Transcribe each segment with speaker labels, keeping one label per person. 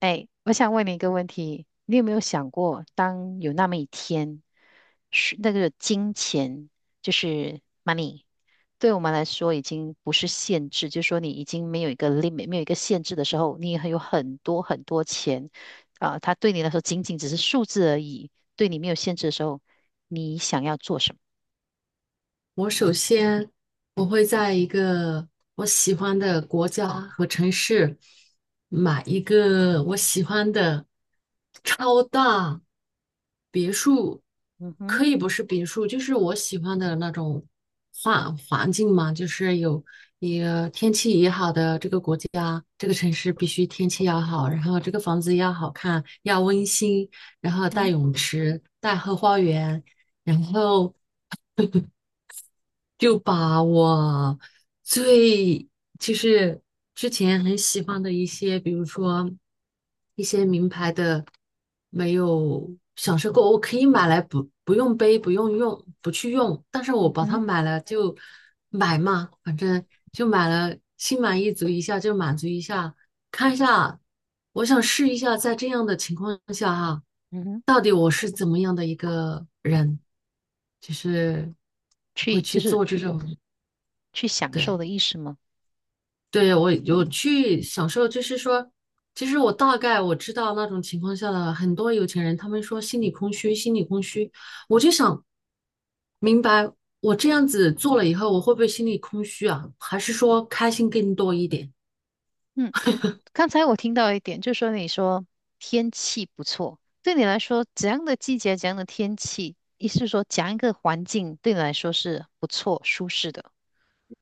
Speaker 1: 哎，我想问你一个问题，你有没有想过，当有那么一天，是那个金钱就是 money，对我们来说已经不是限制，就是说你已经没有一个 limit，没有一个限制的时候，你还有很多很多钱，啊、它对你来说仅仅只是数字而已，对你没有限制的时候，你想要做什么？
Speaker 2: 我首先我会在一个我喜欢的国家和城市买一个我喜欢的超大别墅。
Speaker 1: 嗯哼，
Speaker 2: 可以不是别墅，就是我喜欢的那种环境嘛，就是也天气也好的这个国家，这个城市必须天气要好，然后这个房子要好看，要温馨，然后带
Speaker 1: 嗯
Speaker 2: 泳池，带后花园。然后就把我最就是之前很喜欢的一些，比如说一些名牌的，没有享受过，我可以买来不用背，不用用，不去用，但是我
Speaker 1: 嗯
Speaker 2: 把它
Speaker 1: 哼，
Speaker 2: 买了就买嘛，反正就买了，心满意足一下就满足一下，看一下，我想试一下，在这样的情况下哈，
Speaker 1: 嗯哼，
Speaker 2: 到底我是怎么样的一个人。就是会
Speaker 1: 去就
Speaker 2: 去
Speaker 1: 是
Speaker 2: 做这种，
Speaker 1: 去享受
Speaker 2: 对，
Speaker 1: 的意思吗？
Speaker 2: 对，我有去享受，就是说，其实我大概我知道那种情况下的很多有钱人，他们说心里空虚，心里空虚，我就想明白，我这样子做了以后，我会不会心里空虚啊？还是说开心更多一点？
Speaker 1: 嗯。刚才我听到一点，就说你说天气不错，对你来说怎样的季节、怎样的天气，意思是说怎样一个环境对你来说是不错、舒适的？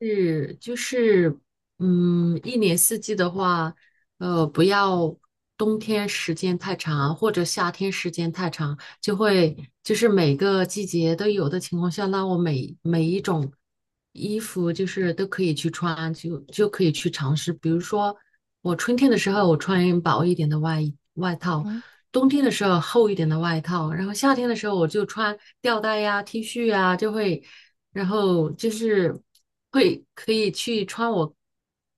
Speaker 2: 是，就是，嗯，一年四季的话，不要冬天时间太长，或者夏天时间太长，就是每个季节都有的情况下，那我每一种衣服就是都可以去穿，就可以去尝试。比如说，我春天的时候我穿薄一点的外衣外套，
Speaker 1: 嗯。
Speaker 2: 冬天的时候厚一点的外套，然后夏天的时候我就穿吊带呀、T 恤呀，就会。然后就是会可以去穿我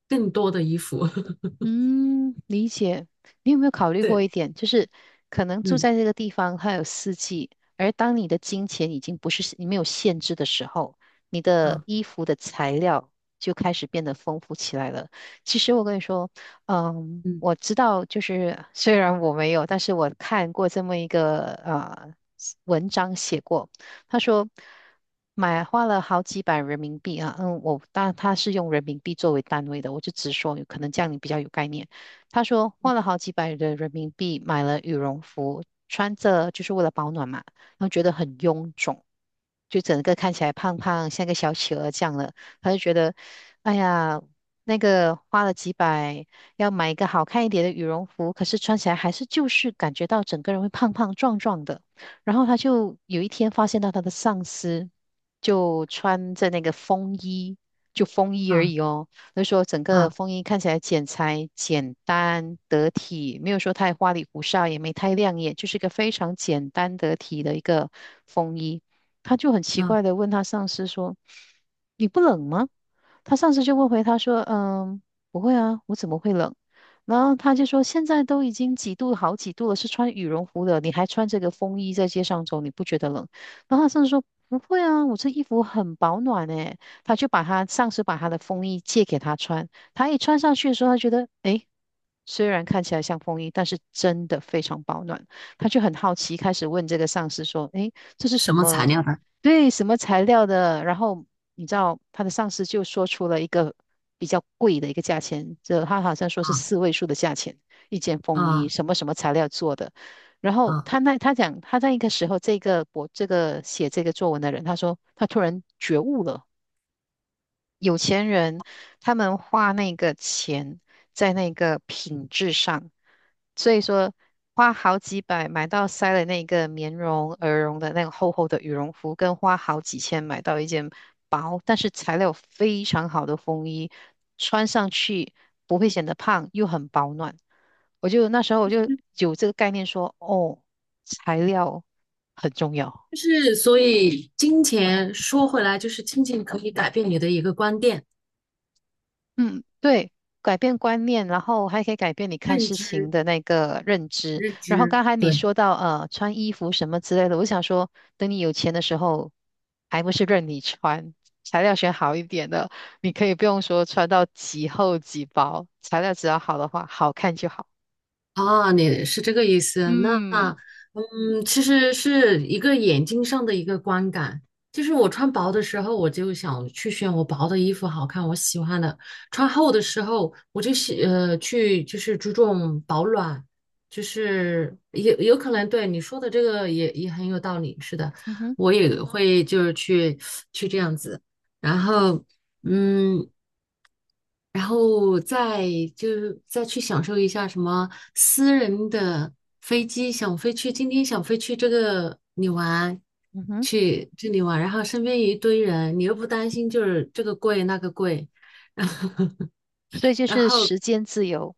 Speaker 2: 更多的衣服。
Speaker 1: 嗯，理解。你有没有考虑过一
Speaker 2: 对，
Speaker 1: 点，就是可能住
Speaker 2: 嗯，
Speaker 1: 在这个地方，它有四季，而当你的金钱已经不是你没有限制的时候，你的衣
Speaker 2: 啊，
Speaker 1: 服的材料就开始变得丰富起来了。其实我跟你说，嗯，
Speaker 2: 嗯，
Speaker 1: 我知道，就是虽然我没有，但是我看过这么一个呃文章写过。他说买花了好几百人民币啊，嗯，我但他是用人民币作为单位的，我就直说，可能这样你比较有概念。他说花了好几百的人民币买了羽绒服，穿着就是为了保暖嘛，然后觉得很臃肿，就整个看起来胖胖，像个小企鹅这样了，他就觉得，哎呀。那个花了几百，要买一个好看一点的羽绒服，可是穿起来还是就是感觉到整个人会胖胖壮壮的。然后他就有一天发现到他的上司就穿着那个风衣，就风衣而
Speaker 2: 啊，
Speaker 1: 已哦。就说整个
Speaker 2: 啊，
Speaker 1: 风衣看起来剪裁简单得体，没有说太花里胡哨，也没太亮眼，就是一个非常简单得体的一个风衣。他就很奇
Speaker 2: 啊，
Speaker 1: 怪的问他上司说：“你不冷吗？”他上司就问回他说：“嗯，不会啊，我怎么会冷？”然后他就说，现在都已经几度好几度了，是穿羽绒服的，你还穿这个风衣在街上走，你不觉得冷？然后他甚至说不会啊，我这衣服很保暖诶。他就把他上司把他的风衣借给他穿，他一穿上去的时候，他觉得诶，虽然看起来像风衣，但是真的非常保暖。他就很好奇，开始问这个上司说：“诶，这是
Speaker 2: 什
Speaker 1: 什
Speaker 2: 么材
Speaker 1: 么？
Speaker 2: 料的？
Speaker 1: 对，什么材料的？然后你知道他的上司就说出了一个比较贵的一个价钱，就他好像说是
Speaker 2: 啊，
Speaker 1: 四位数的价钱，一件风衣，
Speaker 2: 啊，
Speaker 1: 什么什么材料做的。然后
Speaker 2: 啊，
Speaker 1: 他那他讲他在一个时候，这个我这个写这个作文的人，他说他突然觉悟了，有钱人他们花那个钱在那个品质上，所以说花好几百买到塞了那个棉绒、鹅绒的那个厚厚的羽绒服，跟花好几千买到一件薄但是材料非常好的风衣，穿上去不会显得胖，又很保暖。那时候我就有这个概念说，哦，材料很重要。
Speaker 2: 就是所以金钱说回来，就是金钱可以改变你的一个观点、
Speaker 1: 嗯，对，改变观念，然后还可以改变你看
Speaker 2: 认
Speaker 1: 事情
Speaker 2: 知、
Speaker 1: 的那个认知。
Speaker 2: 认
Speaker 1: 然后
Speaker 2: 知。
Speaker 1: 刚才你
Speaker 2: 对。
Speaker 1: 说到穿衣服什么之类的，我想说，等你有钱的时候，还不是任你穿，材料选好一点的，你可以不用说穿到几厚几薄，材料只要好的话，好看就好。
Speaker 2: 啊，你是这个意思？那，
Speaker 1: 嗯
Speaker 2: 嗯，其实是一个眼睛上的一个观感。就是我穿薄的时候，我就想去选我薄的衣服好看，我喜欢的；穿厚的时候，我就去就是注重保暖，就是有可能对你说的这个也很有道理。是的，
Speaker 1: 嗯哼，
Speaker 2: 我也会就是去这样子，然后。嗯，然后就再去享受一下什么私人的飞机，想飞去今天想飞去这个你玩，
Speaker 1: 嗯哼，
Speaker 2: 去这里玩，然后身边一堆人，你又不担心就是这个贵那个贵，然
Speaker 1: 嗯
Speaker 2: 后
Speaker 1: 所以就
Speaker 2: 然
Speaker 1: 是
Speaker 2: 后
Speaker 1: 时间自由，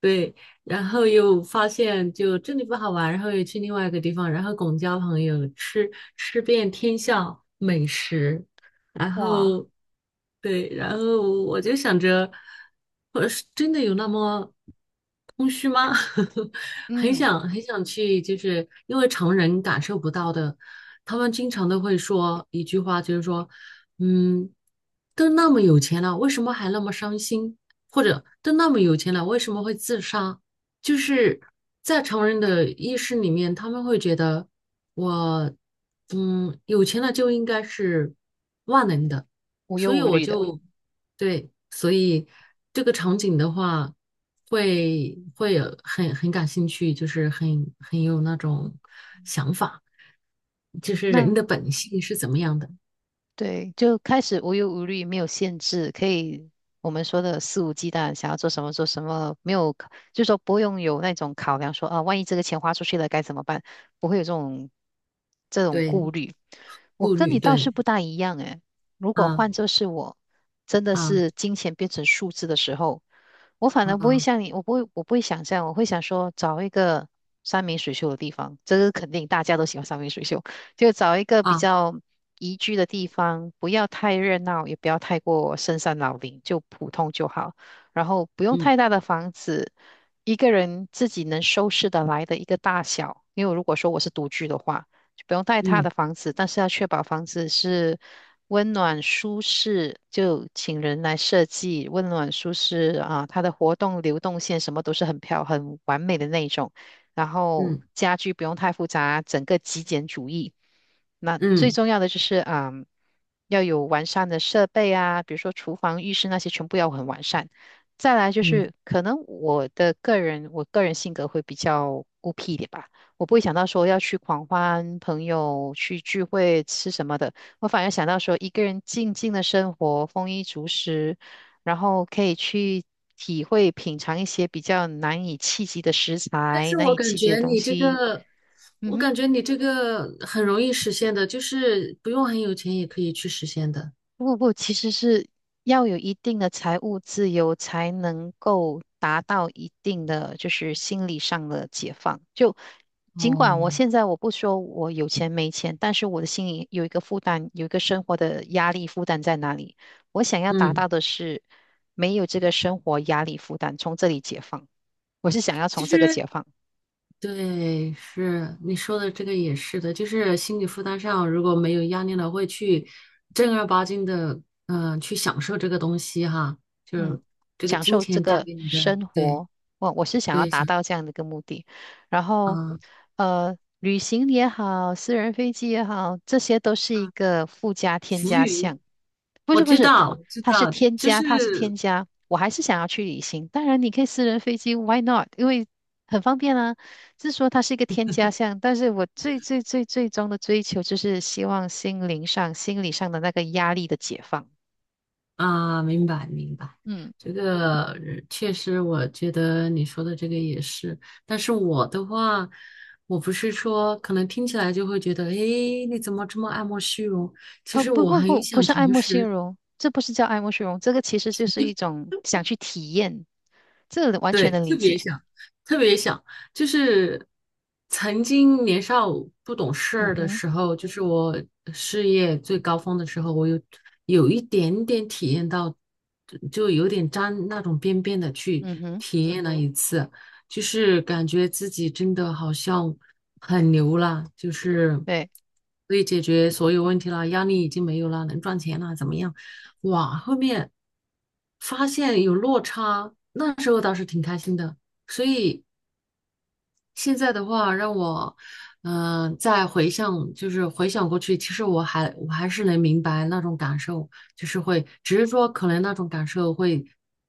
Speaker 2: 对，然后又发现就这里不好玩，然后又去另外一个地方，然后广交朋友，吃遍天下美食，然
Speaker 1: 哇，
Speaker 2: 后对，然后我就想着，我是真的有那么空虚吗？很
Speaker 1: 嗯，
Speaker 2: 想很想去，就是因为常人感受不到的，他们经常都会说一句话，就是说，嗯，都那么有钱了，为什么还那么伤心？或者都那么有钱了，为什么会自杀？就是在常人的意识里面，他们会觉得我，嗯，有钱了就应该是万能的，
Speaker 1: 无
Speaker 2: 所
Speaker 1: 忧
Speaker 2: 以
Speaker 1: 无
Speaker 2: 我
Speaker 1: 虑的。
Speaker 2: 就，对，所以这个场景的话，会有很感兴趣，就是很有那种想法，就是人
Speaker 1: 那
Speaker 2: 的本性是怎么样的，
Speaker 1: 对，就开始无忧无虑，没有限制，可以我们说的肆无忌惮，想要做什么做什么，没有，就是说不用有那种考量说，啊，万一这个钱花出去了该怎么办，不会有这种
Speaker 2: 对，
Speaker 1: 顾虑。我
Speaker 2: 顾
Speaker 1: 跟
Speaker 2: 虑，
Speaker 1: 你倒是
Speaker 2: 对，
Speaker 1: 不大一样诶，如果换
Speaker 2: 啊，
Speaker 1: 作是我，真的
Speaker 2: 啊，
Speaker 1: 是金钱变成数字的时候，我反而不会
Speaker 2: 啊，
Speaker 1: 像你，我不会想这样，我会想说找一个山明水秀的地方，这个肯定大家都喜欢山明水秀。就找一个比
Speaker 2: 啊，
Speaker 1: 较宜居的地方，不要太热闹，也不要太过深山老林，就普通就好。然后不用
Speaker 2: 嗯，
Speaker 1: 太大的房子，一个人自己能收拾得来的一个大小。因为如果说我是独居的话，就不用太大的
Speaker 2: 嗯，
Speaker 1: 房子，但是要确保房子是温暖舒适，就请人来设计温暖舒适啊，它的活动流动线什么都是很完美的那一种。然后
Speaker 2: 嗯。
Speaker 1: 家具不用太复杂，整个极简主义。那最
Speaker 2: 嗯，
Speaker 1: 重要的就是，嗯，要有完善的设备啊，比如说厨房、浴室那些全部要很完善。再来就
Speaker 2: 嗯，
Speaker 1: 是，可能我个人性格会比较孤僻一点吧，我不会想到说要去狂欢、朋友去聚会、吃什么的，我反而想到说一个人静静的生活，丰衣足食，然后可以去体会、品尝一些比较难以企及的食
Speaker 2: 但
Speaker 1: 材、
Speaker 2: 是
Speaker 1: 难
Speaker 2: 我
Speaker 1: 以
Speaker 2: 感
Speaker 1: 企及的
Speaker 2: 觉
Speaker 1: 东
Speaker 2: 你这
Speaker 1: 西。
Speaker 2: 个，
Speaker 1: 嗯
Speaker 2: 我
Speaker 1: 哼，
Speaker 2: 感觉你这个很容易实现的，就是不用很有钱也可以去实现的。
Speaker 1: 不不，其实是要有一定的财务自由，才能够达到一定的就是心理上的解放。就尽
Speaker 2: 哦，
Speaker 1: 管我现在我不说我有钱没钱，但是我的心里有一个负担，有一个生活的压力负担在哪里？我想要达
Speaker 2: 嗯，
Speaker 1: 到的是没有这个生活压力负担，从这里解放。我是想要
Speaker 2: 其
Speaker 1: 从这个解
Speaker 2: 实
Speaker 1: 放。
Speaker 2: 对，是你说的这个也是的，就是心理负担上如果没有压力了，会去正儿八经的，去享受这个东西哈，
Speaker 1: 嗯，
Speaker 2: 就这个
Speaker 1: 享
Speaker 2: 金
Speaker 1: 受这
Speaker 2: 钱带
Speaker 1: 个
Speaker 2: 给你的，
Speaker 1: 生
Speaker 2: 对，
Speaker 1: 活，我是想要
Speaker 2: 对，
Speaker 1: 达
Speaker 2: 想，
Speaker 1: 到这样的一个目的。然后，
Speaker 2: 嗯，
Speaker 1: 呃，旅行也好，私人飞机也好，这些都是一
Speaker 2: 嗯，
Speaker 1: 个附加添
Speaker 2: 浮
Speaker 1: 加
Speaker 2: 云，
Speaker 1: 项。不
Speaker 2: 我
Speaker 1: 是不
Speaker 2: 知
Speaker 1: 是，它
Speaker 2: 道，我知
Speaker 1: 它是
Speaker 2: 道，
Speaker 1: 添
Speaker 2: 就
Speaker 1: 加，它是添
Speaker 2: 是
Speaker 1: 加。我还是想要去旅行，当然你可以私人飞机，why not？因为很方便啊。是说它是一个添加项，但是我最最最最终的追求就是希望心灵上、心理上的那个压力的解放。
Speaker 2: 啊，明白明白，
Speaker 1: 嗯。
Speaker 2: 这个确实，我觉得你说的这个也是。但是我的话，我不是说可能听起来就会觉得，诶，你怎么这么爱慕虚荣？其
Speaker 1: 哦，
Speaker 2: 实
Speaker 1: 不
Speaker 2: 我
Speaker 1: 不
Speaker 2: 很
Speaker 1: 不，不
Speaker 2: 想
Speaker 1: 是爱
Speaker 2: 诚
Speaker 1: 慕虚
Speaker 2: 实，
Speaker 1: 荣，这不是叫爱慕虚荣，这个其实就是一种想去体验，这个完
Speaker 2: 对，
Speaker 1: 全能
Speaker 2: 特
Speaker 1: 理
Speaker 2: 别
Speaker 1: 解。
Speaker 2: 想，特别想，就是曾经年少不懂事儿
Speaker 1: 嗯
Speaker 2: 的
Speaker 1: 哼，
Speaker 2: 时候，就是我事业最高峰的时候，我有一点点体验到，就有点沾那种边边的去
Speaker 1: 嗯哼，
Speaker 2: 体验了一次，就是感觉自己真的好像很牛了，就是
Speaker 1: 对，
Speaker 2: 可以解决所有问题了，压力已经没有了，能赚钱了，怎么样？哇，后面发现有落差，那时候倒是挺开心的。所以现在的话，让我再回想，就是回想过去，其实我还是能明白那种感受，就是会，只是说可能那种感受会，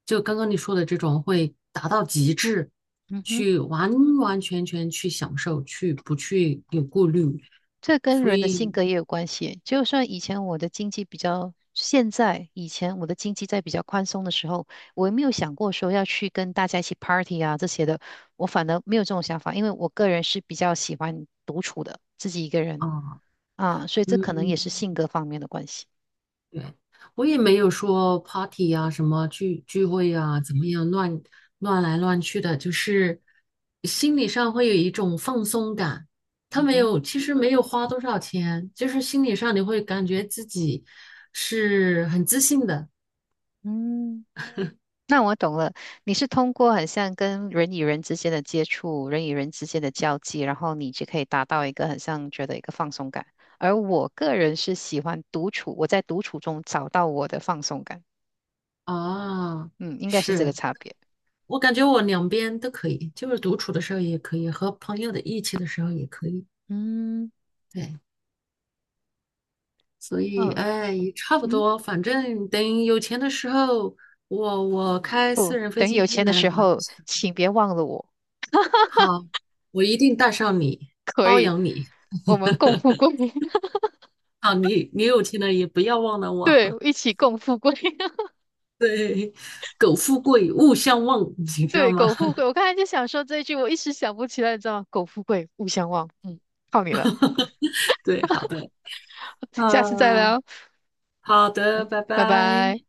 Speaker 2: 就刚刚你说的这种会达到极致，
Speaker 1: 嗯哼，
Speaker 2: 去完完全全去享受，去不去有顾虑，
Speaker 1: 这跟
Speaker 2: 所
Speaker 1: 人的性
Speaker 2: 以
Speaker 1: 格也有关系。就算以前我的经济比较，现在以前我的经济在比较宽松的时候，我也没有想过说要去跟大家一起 party 啊这些的，我反而没有这种想法，因为我个人是比较喜欢独处的，自己一个人
Speaker 2: 啊，
Speaker 1: 啊，所以这可能
Speaker 2: 嗯。
Speaker 1: 也是性格方面的关系。
Speaker 2: 对，我也没有说 party 啊，什么聚会啊，怎么样乱来乱去的，就是心理上会有一种放松感。他
Speaker 1: 嗯
Speaker 2: 没
Speaker 1: 哼，
Speaker 2: 有，其实没有花多少钱，就是心理上你会感觉自己是很自信的
Speaker 1: 嗯。那我懂了，你是通过很像跟人与人之间的接触，人与人之间的交际，然后你就可以达到一个很像觉得一个放松感。而我个人是喜欢独处，我在独处中找到我的放松感。
Speaker 2: 啊。
Speaker 1: 嗯，应该是这个
Speaker 2: 是
Speaker 1: 差别。
Speaker 2: 我感觉我两边都可以，就是独处的时候也可以，和朋友的一起的时候也可以。
Speaker 1: 嗯
Speaker 2: 对。所以
Speaker 1: 嗯
Speaker 2: 哎，也差不
Speaker 1: 嗯，
Speaker 2: 多，反正等有钱的时候，我开
Speaker 1: 不，
Speaker 2: 私人飞
Speaker 1: 等有
Speaker 2: 机
Speaker 1: 钱的
Speaker 2: 来
Speaker 1: 时
Speaker 2: 马来
Speaker 1: 候，
Speaker 2: 西亚。
Speaker 1: 请别忘了我，
Speaker 2: 好，我一定带上你，包养你。
Speaker 1: 我们共富贵。
Speaker 2: 啊，你有钱了也不要忘了我。
Speaker 1: 对，一起共富贵。
Speaker 2: 对，苟富贵，勿相忘，你知道
Speaker 1: 对，
Speaker 2: 吗？
Speaker 1: 苟富贵。我刚才就想说这一句，我一时想不起来，你知道吗？苟富贵，勿相忘。嗯，靠你了，
Speaker 2: 对，好的，
Speaker 1: 下次再
Speaker 2: 啊，
Speaker 1: 聊。
Speaker 2: 好的，
Speaker 1: 嗯
Speaker 2: 拜
Speaker 1: 拜拜。
Speaker 2: 拜。